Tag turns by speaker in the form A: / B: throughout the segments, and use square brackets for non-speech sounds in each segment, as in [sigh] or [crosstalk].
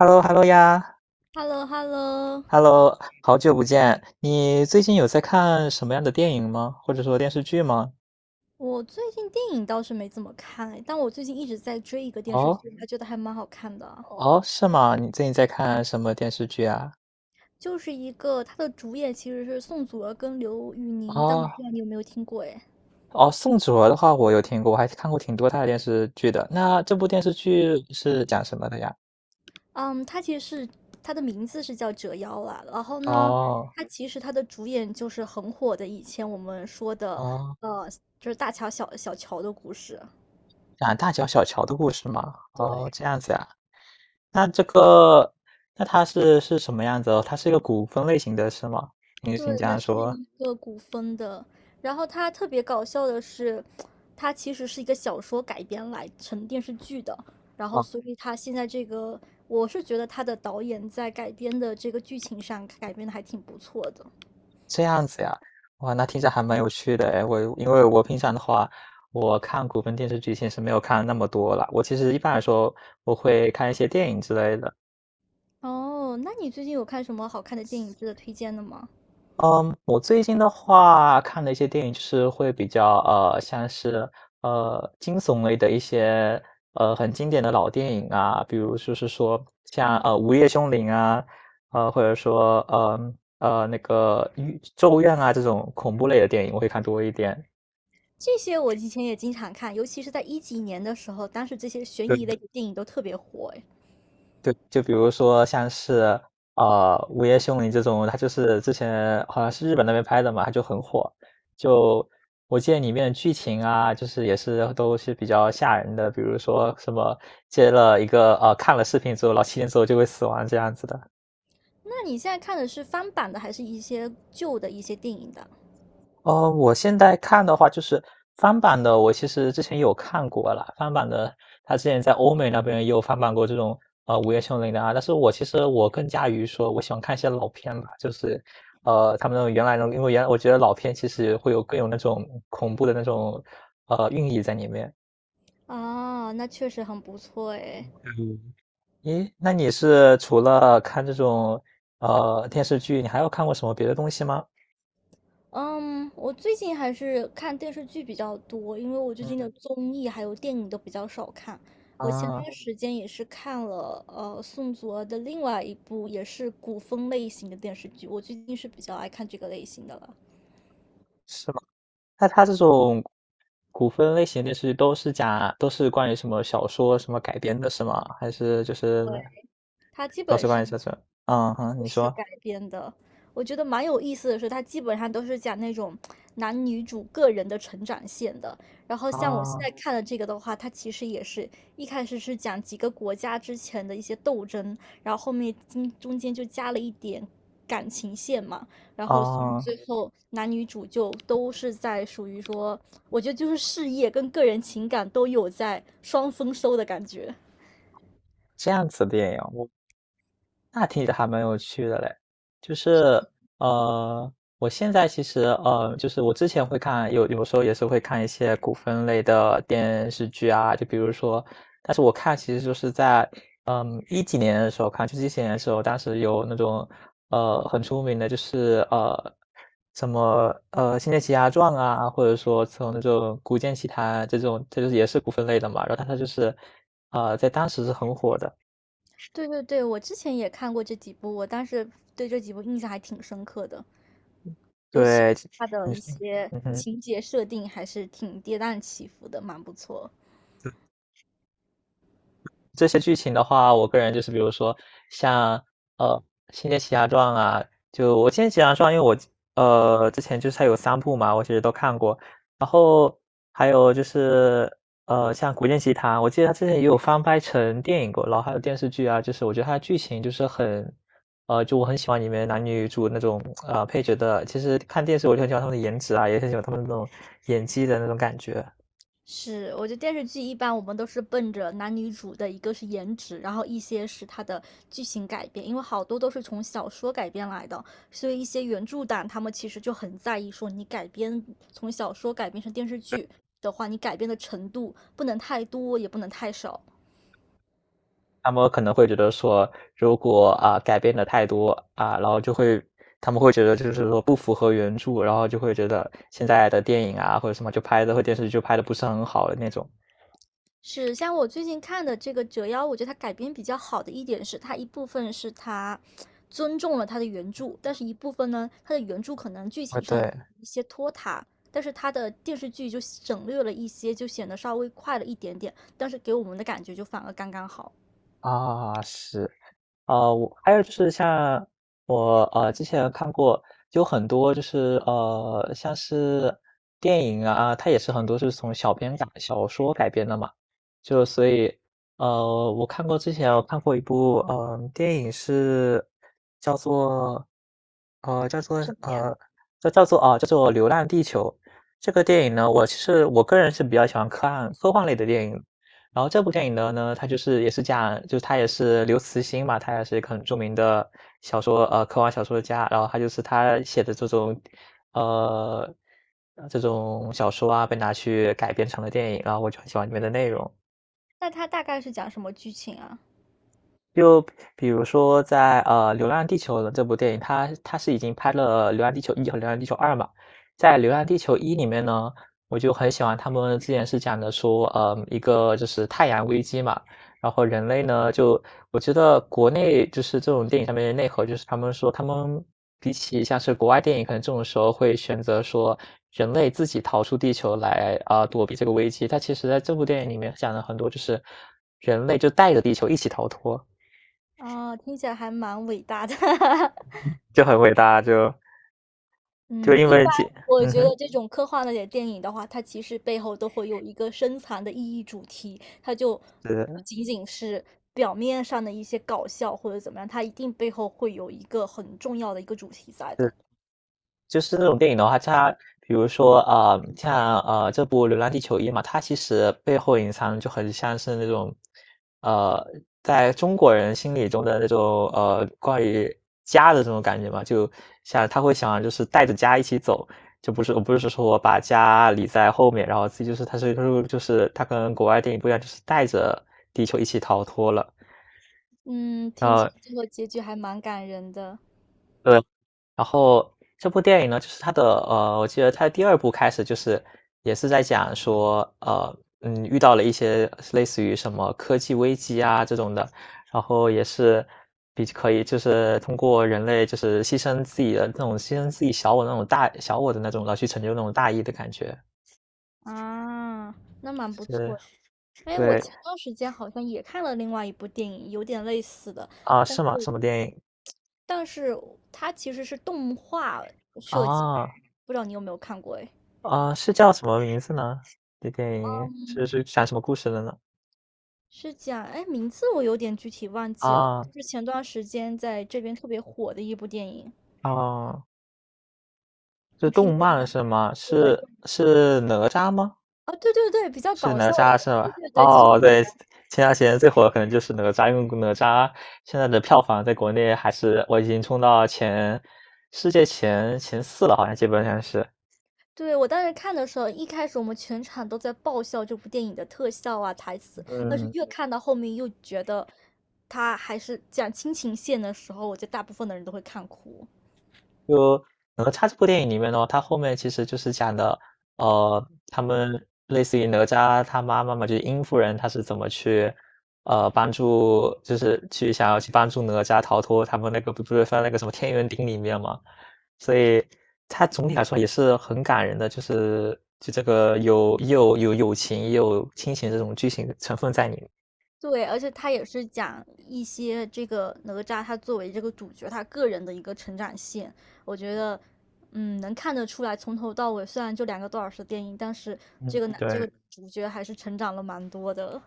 A: Hello，Hello 呀
B: h e l l o h e l l o。
A: ，Hello，好久不见。你最近有在看什么样的电影吗？或者说电视剧吗？
B: 我最近电影倒是没怎么看哎，但我最近一直在追一个电视
A: 哦
B: 剧，还觉得还蛮好看的，
A: 哦，是吗？你最近在看什么电视剧啊？
B: 就是一个它的主演其实是宋祖儿跟刘宇宁，但我不
A: 哦
B: 知道你有没有听过哎。
A: 哦，宋哲的话我有听过，我还看过挺多他的电视剧的。那这部电视剧是讲什么的呀？
B: 嗯，它其实是它的名字是叫《折腰》啦，然后呢，
A: 哦
B: 它其实它的主演就是很火的，以前我们说的
A: 哦，
B: 呃，就是大乔小乔的故事。
A: 讲大乔小乔的故事吗？哦，
B: 对。
A: 这样子呀。那这个，那它是什么样子哦？它是一个古风类型的，是吗？你
B: 对，
A: 你这
B: 它
A: 样
B: 是
A: 说。
B: 一个古风的，然后它特别搞笑的是，它其实是一个小说改编来成电视剧的，然后所以它现在这个，我是觉得它的导演在改编的这个剧情上改编的还挺不错的。
A: 这样子呀，哇，那听着还蛮有趣的哎。我因为我平常的话，我看古风电视剧其实没有看那么多啦。我其实一般来说，我会看一些电影之类的。
B: 哦，那你最近有看什么好看的电影值得推荐的吗？
A: 嗯，我最近的话看的一些电影就是会比较像是惊悚类的一些很经典的老电影啊，比如就是说像《午夜凶铃》啊，或者说那个《咒怨》啊这种恐怖类的电影，我会看多一点。
B: 这些我以前也经常看，尤其是在一几年的时候，当时这些悬疑类的电影都特别火诶。
A: 对，就比如说像是《午夜凶铃》这种，它就是之前好像是日本那边拍的嘛，它就很火。就我记得里面的剧情啊，就是也是都是比较吓人的，比如说什么接了一个看了视频之后，然后7天之后就会死亡这样子的。
B: 那你现在看的是翻版的，还是一些旧的一些电影的？
A: 我现在看的话就是翻版的，我其实之前有看过了，翻版的，他之前在欧美那边也有翻版过这种《午夜凶铃》的啊。但是我其实我更加于说，我喜欢看一些老片吧，就是他们那种原来那种，因为原来我觉得老片其实会有更有那种恐怖的那种寓意在里面。
B: 啊，那确实很不错诶。
A: 嗯，咦，那你是除了看这种电视剧，你还有看过什么别的东西吗？
B: 嗯，我最近还是看电视剧比较多，因为我最近的
A: 嗯
B: 综艺还有电影都比较少看。我前
A: 啊，
B: 段时间也是看了宋祖儿的另外一部也是古风类型的电视剧，我最近是比较爱看这个类型的了。
A: 是，那它这种古风类型电视剧都是讲都是关于什么小说什么改编的，是吗？还是就是
B: 它基
A: 都
B: 本
A: 是关
B: 上
A: 于小说？嗯哼，
B: 故
A: 你
B: 事
A: 说，
B: 改编的。我觉得蛮有意思的是，它基本上都是讲那种男女主个人的成长线的。然后像我现在
A: 啊
B: 看的这个的话，它其实也是一开始是讲几个国家之前的一些斗争，然后后面中间就加了一点感情线嘛，然后所以
A: 啊，
B: 最后男女主就都是在属于说，我觉得就是事业跟个人情感都有在双丰收的感觉。
A: 这样子的电影，那听着还蛮有趣的嘞，就是呃，我现在其实就是我之前会看，有时候也是会看一些古风类的电视剧啊，就比如说，但是我看其实就是在嗯一几年的时候看，就是一几年的时候，当时有那种很出名的，就是什么《仙剑奇侠传》啊，或者说从那种《古剑奇谭》这种，这就是也是古风类的嘛，然后它就是在当时是很火的。
B: 对对对，我之前也看过这几部，我当时对这几部印象还挺深刻的，尤其
A: 对，
B: 是它的
A: 你
B: 一
A: 是，
B: 些
A: 嗯哼，
B: 情节设定还是挺跌宕起伏的，蛮不错。
A: 这些剧情的话，我个人就是比如说像呃《仙剑奇侠传》啊，就我《仙剑奇侠传》，因为我之前就是它有3部嘛，我其实都看过，然后还有就是像《古剑奇谭》，我记得它之前也有翻拍成电影过，然后还有电视剧啊，就是我觉得它的剧情就是很就我很喜欢里面男女主那种配角的，其实看电视我就很喜欢他们的颜值啊，也很喜欢他们那种演技的那种感觉。
B: 是，我觉得电视剧一般我们都是奔着男女主的一个是颜值，然后一些是它的剧情改编，因为好多都是从小说改编来的，所以一些原著党他们其实就很在意说你改编从小说改编成电视剧的话，你改编的程度不能太多，也不能太少。
A: 他们可能会觉得说，如果啊、改变的太多啊、然后他们会觉得就是说不符合原著，然后就会觉得现在的电影啊或者什么就拍的或电视剧就拍的不是很好的那种。
B: 是，像我最近看的这个《折腰》，我觉得它改编比较好的一点是，它一部分是它尊重了它的原著，但是一部分呢，它的原著可能剧
A: 啊，
B: 情上有
A: 对
B: 一些拖沓，但是它的电视剧就省略了一些，就显得稍微快了一点点，但是给我们的感觉就反而刚刚好。
A: 啊，是。啊，我还有就是像我之前看过，有很多就是像是电影啊，它也是很多是从小说改编的嘛，就所以我看过一部嗯、电影是叫做呃叫做
B: 什么呀？
A: 呃叫做《流浪地球》这个电影呢，我其实我个人是比较喜欢科幻类的电影，然后这部电影的呢，它就是也是讲，就是他也是刘慈欣嘛，他也是一个很著名的小说科幻小说家，然后他就是他写的这种呃这种小说啊，被拿去改编成了电影，然后我就很喜欢里面的内容。
B: 那它大概是讲什么剧情啊？
A: 就比如说在《流浪地球》的这部电影，它是已经拍了《流浪地球一》和《流浪地球二》嘛。在《流浪地球一》里面呢，我就很喜欢他们之前是讲的说，呃，一个就是太阳危机嘛，然后人类呢就我觉得国内就是这种电影上面的内核，就是他们说他们比起像是国外电影，可能这种时候会选择说人类自己逃出地球来啊、躲避这个危机。它其实在这部电影里面讲了很多，就是人类就带着地球一起逃脱。
B: 啊，听起来还蛮伟大的 [laughs]
A: 就很伟大，就
B: 嗯，
A: 因
B: 一
A: 为
B: 般
A: 这，
B: 我
A: 嗯
B: 觉
A: 哼，
B: 得这种科幻类的电影的话，它其实背后都会有一个深藏的意义主题，它就不
A: 是
B: 仅仅是表面上的一些搞笑或者怎么样，它一定背后会有一个很重要的一个主题在的。
A: 是，就是这种电影的话，它比如说啊、像这部《流浪地球一》嘛，它其实背后隐藏就很像是那种呃在中国人心里中的那种关于家的这种感觉嘛，就像他会想就是带着家一起走。就不是，我不是说我把家理在后面，然后自己就是，他是就是他跟国外电影不一样，就是带着地球一起逃脱了。
B: 嗯，
A: 然
B: 听起
A: 后
B: 来最后结局还蛮感人的。
A: 对，然后这部电影呢，就是它的我记得它的第二部开始就是也是在讲说，遇到了一些类似于什么科技危机啊这种的，然后也是比可以就是通过人类就是牺牲自己的那种牺牲自己小我那种大小我的那种，然后去成就那种大义的感觉。
B: 啊，那蛮不
A: 是，
B: 错的。哎，我
A: 对，
B: 前段时间好像也看了另外一部电影，有点类似的，
A: 啊，
B: 但
A: 是吗？什么电影？
B: 但是它其实是动画设计的，
A: 啊，
B: 不知道你有没有看过哎？
A: 啊，是叫什么名字呢？这电影是讲什么故事的呢？
B: 是讲，哎，名字我有点具体忘记了，
A: 啊，
B: 就是前段时间在这边特别火的一部电影，
A: 啊。是
B: 你听
A: 动
B: 过
A: 漫
B: 吗？
A: 是吗？
B: 对，
A: 是
B: 对
A: 是哪吒吗？
B: 哦，对对对，比较
A: 是
B: 搞
A: 哪
B: 笑
A: 吒
B: 的，
A: 是
B: 对
A: 吧？
B: 对对，就是，
A: 哦，对，前段时间最火的可能就是哪吒，因为哪吒现在的票房在国内还是我已经冲到前世界前四了，好像基本上是，
B: 对，我当时看的时候，一开始我们全场都在爆笑这部电影的特效啊、台词，但是
A: 嗯。
B: 越看到后面又觉得，他还是讲亲情线的时候，我觉得大部分的人都会看哭。
A: 就哪吒这部电影里面呢，它后面其实就是讲的，呃，他们类似于哪吒他妈妈嘛，就是殷夫人，她是怎么去，呃，帮助，就是去想要去帮助哪吒逃脱他们那个不是放在那个什么天元鼎里面嘛，所以它总体来说也是很感人的，就是这个又有友情也有亲情这种剧情成分在里面。
B: 对，而且他也是讲一些这个哪吒他作为这个主角他个人的一个成长线，我觉得，嗯，能看得出来，从头到尾虽然就2个多小时的电影，但是这
A: 嗯，
B: 个男这
A: 对，
B: 个主角还是成长了蛮多的。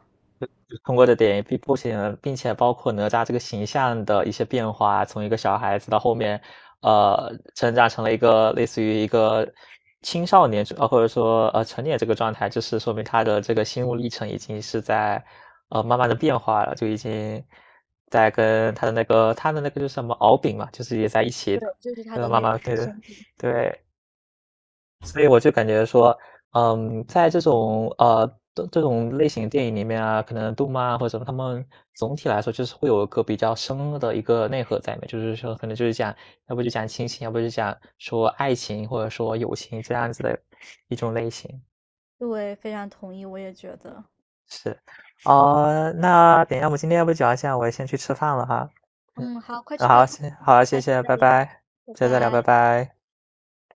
A: 通过的点并不仅并且包括哪吒这个形象的一些变化，从一个小孩子到后面，呃，成长成了一个类似于一个青少年，呃，或者说成年这个状态，就是说明他的这个心路历程已经是在慢慢的变化了，就已经在跟他的那个就是什么敖丙嘛，就是也在一起
B: 对，
A: 的，
B: 就是他
A: 呃，
B: 的
A: 慢
B: 那
A: 慢
B: 个
A: 对
B: 兄弟。
A: 对。所以我就感觉说，嗯，在这种这种类型的电影里面啊，可能动漫啊或者什么，他们总体来说就是会有一个比较深的一个内核在里面，就是说可能就是讲，要不就讲亲情，要不就讲说爱情或者说友情这样子的一种类型。
B: 对，非常同意，我也觉得。
A: 是，呃，那等一下我们今天要不就聊一下，我先去吃饭了哈。嗯，
B: 嗯，好，快去吧，
A: 好，
B: 快去吧
A: 好，谢
B: 下次
A: 谢，
B: 再
A: 拜
B: 聊，
A: 拜，
B: 拜
A: 下次再聊，拜
B: 拜。
A: 拜。